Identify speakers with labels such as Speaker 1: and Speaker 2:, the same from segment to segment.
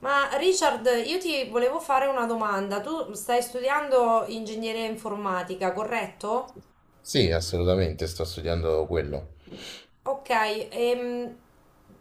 Speaker 1: Ma Richard, io ti volevo fare una domanda. Tu stai studiando ingegneria informatica, corretto?
Speaker 2: Sì, assolutamente, sto studiando quello.
Speaker 1: Ok, ehm,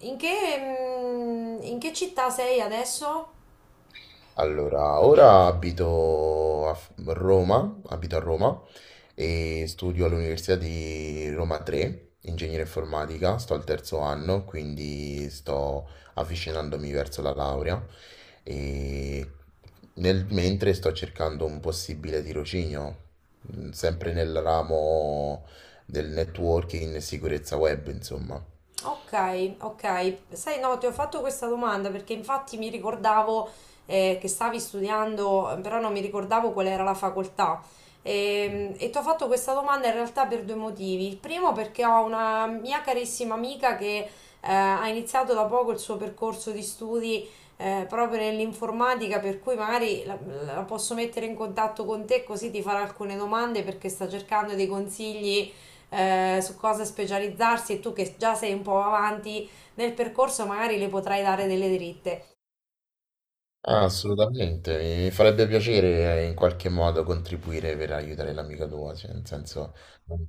Speaker 1: in che città sei adesso?
Speaker 2: Allora, ora abito a Roma e studio all'Università di Roma 3, ingegneria informatica, sto al terzo anno, quindi sto avvicinandomi verso la laurea e nel mentre sto cercando un possibile tirocinio, sempre nel ramo del networking e sicurezza web, insomma.
Speaker 1: Ok, ok. Sai, no, ti ho fatto questa domanda perché infatti mi ricordavo che stavi studiando, però non mi ricordavo qual era la facoltà. E, ti ho fatto questa domanda in realtà per due motivi. Il primo perché ho una mia carissima amica che ha iniziato da poco il suo percorso di studi proprio nell'informatica, per cui magari la posso mettere in contatto con te così ti farà alcune domande perché sta cercando dei consigli su cosa specializzarsi e tu che già sei un po' avanti nel percorso magari le potrai dare delle dritte.
Speaker 2: Ah, assolutamente, mi farebbe piacere, in qualche modo contribuire per aiutare l'amica tua, cioè nel senso... mm,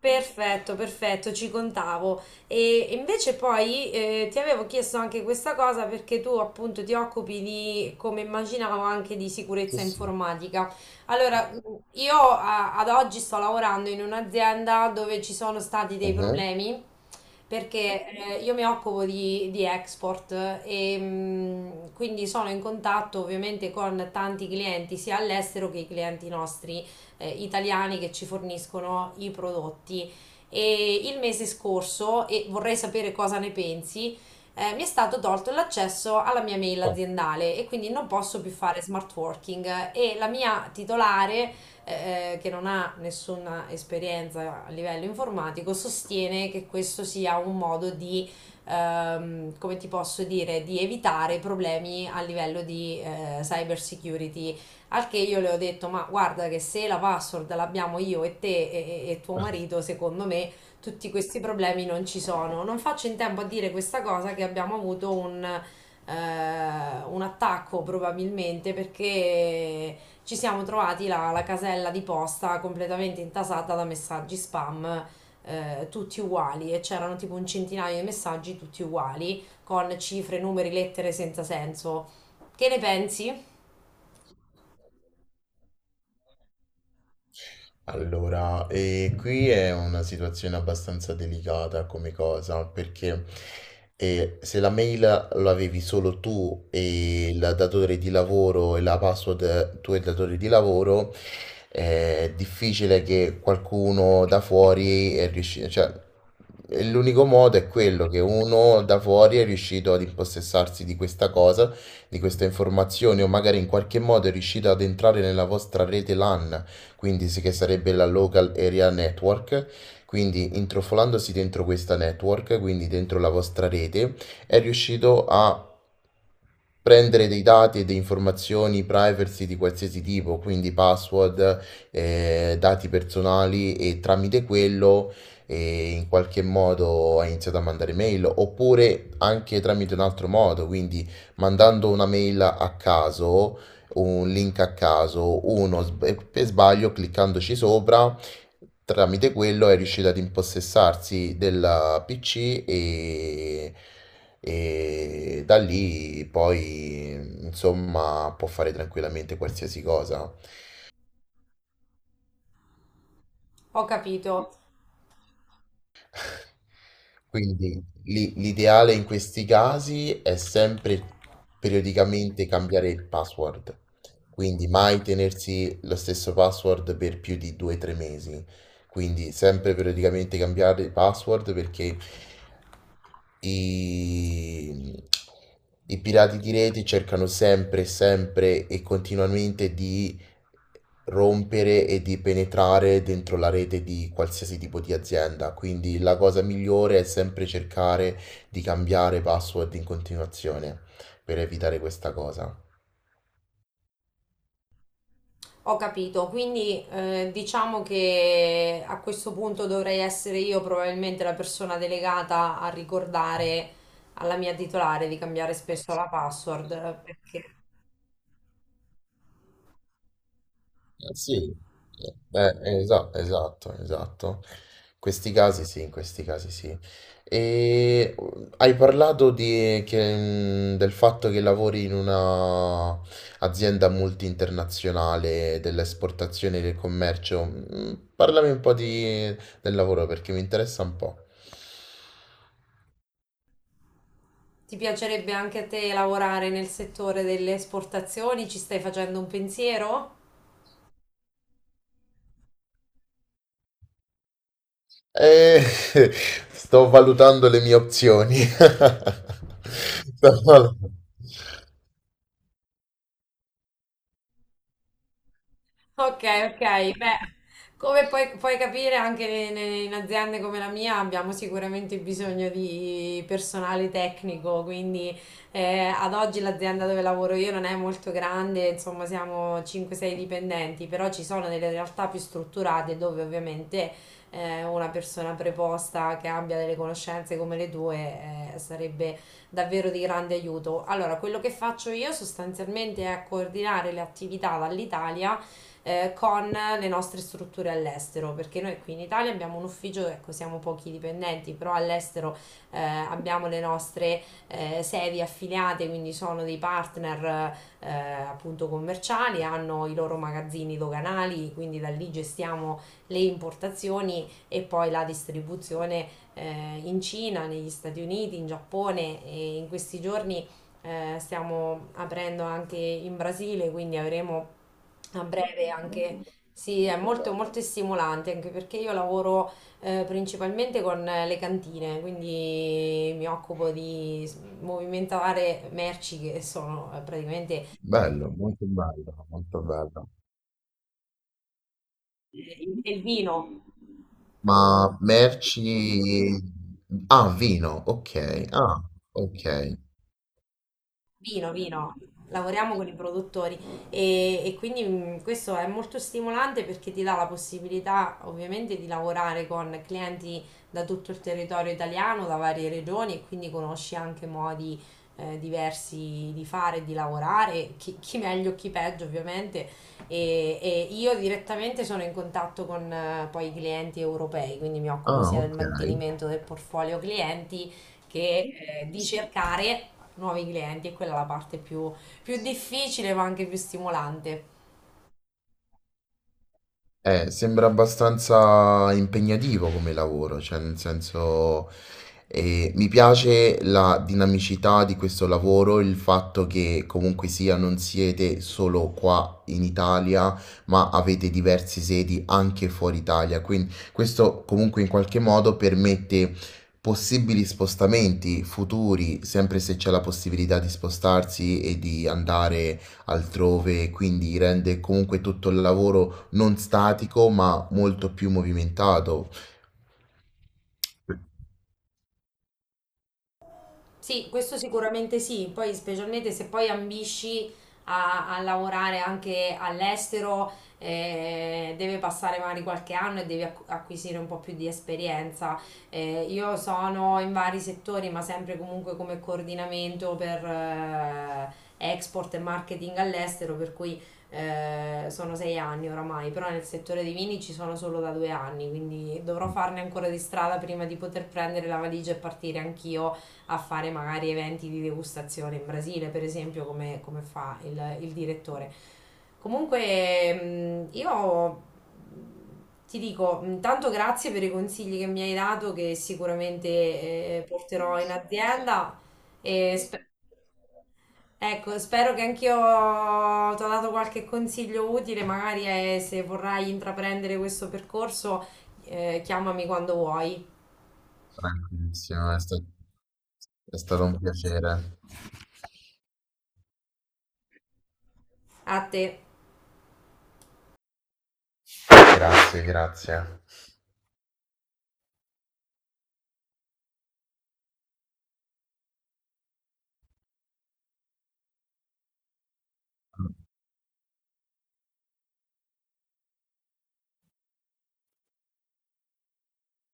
Speaker 1: Perfetto, perfetto, ci contavo. E invece poi ti avevo chiesto anche questa cosa perché tu appunto ti occupi di, come immaginavo, anche di
Speaker 2: Sì,
Speaker 1: sicurezza
Speaker 2: sì.
Speaker 1: informatica. Allora, io ad oggi sto lavorando in un'azienda dove ci sono stati dei
Speaker 2: Mhm.
Speaker 1: problemi perché io mi occupo di export e quindi sono in contatto ovviamente con tanti clienti sia all'estero che i clienti nostri italiani che ci forniscono i prodotti. E il mese scorso, e vorrei sapere cosa ne pensi, mi è stato tolto l'accesso alla mia mail aziendale e quindi non posso più fare smart working e la mia titolare, che non ha nessuna esperienza a livello informatico, sostiene che questo sia un modo di, come ti posso dire, di evitare problemi a livello di cyber security al che io le ho detto, ma guarda che se la password l'abbiamo io e te e tuo marito, secondo me tutti questi problemi non ci sono. Non faccio in tempo a dire questa cosa che abbiamo avuto un attacco probabilmente perché ci siamo trovati la casella di posta completamente intasata da messaggi spam. Tutti uguali e c'erano tipo un centinaio di messaggi tutti uguali con cifre, numeri, lettere senza senso. Che ne pensi?
Speaker 2: Allora, qui è una situazione abbastanza delicata come cosa, perché se la mail lo avevi solo tu e il datore di lavoro e la password tu e il datore di lavoro, è difficile che qualcuno da fuori è riuscito, cioè e l'unico modo è quello che uno da fuori è riuscito ad impossessarsi di questa cosa, di questa informazione o magari in qualche modo è riuscito ad entrare nella vostra rete LAN, quindi che sarebbe la Local Area Network. Quindi intrufolandosi dentro questa network, quindi dentro la vostra rete, è riuscito a prendere dei dati e delle informazioni privacy di qualsiasi tipo, quindi password, dati personali, e tramite quello in qualche modo ha iniziato a mandare mail oppure anche tramite un altro modo, quindi mandando una mail a caso, un link a caso, uno per sbaglio cliccandoci sopra, tramite quello è riuscito ad impossessarsi del PC e, e da lì poi insomma può fare tranquillamente qualsiasi cosa.
Speaker 1: Ho capito.
Speaker 2: Quindi l'ideale in questi casi è sempre periodicamente cambiare il password, quindi mai tenersi lo stesso password per più di 2-3 mesi, quindi sempre periodicamente cambiare il password perché i, i pirati di rete cercano sempre, sempre e continuamente di rompere e di penetrare dentro la rete di qualsiasi tipo di azienda. Quindi la cosa migliore è sempre cercare di cambiare password in continuazione per evitare questa cosa.
Speaker 1: Ho capito, quindi diciamo che a questo punto dovrei essere io probabilmente la persona delegata a ricordare alla mia titolare di cambiare spesso la password, perché
Speaker 2: Sì, beh, esatto, esatto. Questi casi sì, in questi casi sì. E hai parlato del fatto che lavori in una azienda multi-internazionale dell'esportazione e del commercio. Parlami un po' del lavoro perché mi interessa un po'.
Speaker 1: ti piacerebbe anche a te lavorare nel settore delle esportazioni? Ci stai facendo un pensiero?
Speaker 2: Eh, sto valutando le mie opzioni. Sto valut-
Speaker 1: Ok, ok, beh, come puoi capire anche in aziende come la mia abbiamo sicuramente bisogno di personale tecnico, quindi ad oggi l'azienda dove lavoro io non è molto grande, insomma siamo 5-6 dipendenti, però ci sono delle realtà più strutturate dove ovviamente una persona preposta che abbia delle conoscenze come le tue sarebbe davvero di grande aiuto. Allora, quello che faccio io sostanzialmente è coordinare le attività dall'Italia con le nostre strutture all'estero, perché noi qui in Italia abbiamo un ufficio, ecco, siamo pochi dipendenti, però all'estero abbiamo le nostre sedi affiliate, quindi sono dei partner appunto commerciali, hanno i loro magazzini doganali, quindi da lì gestiamo le importazioni e poi la distribuzione in Cina, negli Stati Uniti, in Giappone e in questi giorni stiamo aprendo anche in Brasile, quindi avremo a breve anche, sì, è molto, molto stimolante anche perché io lavoro principalmente con le cantine, quindi mi occupo di movimentare merci che sono praticamente
Speaker 2: Bello, molto bello, molto bello.
Speaker 1: il vino.
Speaker 2: Ma merci... Ah, vino, ok. Ah, ok.
Speaker 1: Vino, vino, lavoriamo con i produttori e quindi questo è molto stimolante perché ti dà la possibilità ovviamente di lavorare con clienti da tutto il territorio italiano, da varie regioni e quindi conosci anche modi diversi di fare, e di lavorare, chi, chi meglio, chi peggio ovviamente e io direttamente sono in contatto con poi i clienti europei, quindi mi occupo
Speaker 2: Ah,
Speaker 1: sia del
Speaker 2: ok.
Speaker 1: mantenimento del portfolio clienti che di cercare nuovi clienti e quella è la parte più, più difficile ma anche più stimolante.
Speaker 2: Sembra abbastanza impegnativo come lavoro, cioè nel senso mi piace la dinamicità di questo lavoro, il fatto che comunque sia non siete solo qua in Italia, ma avete diverse sedi anche fuori Italia, quindi questo comunque in qualche modo permette possibili spostamenti futuri, sempre se c'è la possibilità di spostarsi e di andare altrove, quindi rende comunque tutto il lavoro non statico, ma molto più movimentato.
Speaker 1: Sì, questo sicuramente sì, poi specialmente se poi ambisci a lavorare anche all'estero, deve passare magari qualche anno e devi acquisire un po' più di esperienza. Io sono in vari settori, ma sempre comunque come coordinamento per export e marketing all'estero, per cui sono 6 anni oramai, però nel settore dei vini ci sono solo da 2 anni, quindi dovrò farne ancora di strada prima di poter prendere la valigia e partire anch'io a fare magari eventi di degustazione in Brasile, per esempio, come fa il direttore. Comunque, io ti dico, intanto grazie per i consigli che mi hai dato, che sicuramente porterò in azienda. E ecco, spero che anch'io ti ho dato qualche consiglio utile, magari se vorrai intraprendere questo percorso, chiamami quando vuoi.
Speaker 2: Bravissima, è stato un piacere.
Speaker 1: A te.
Speaker 2: Grazie, grazie.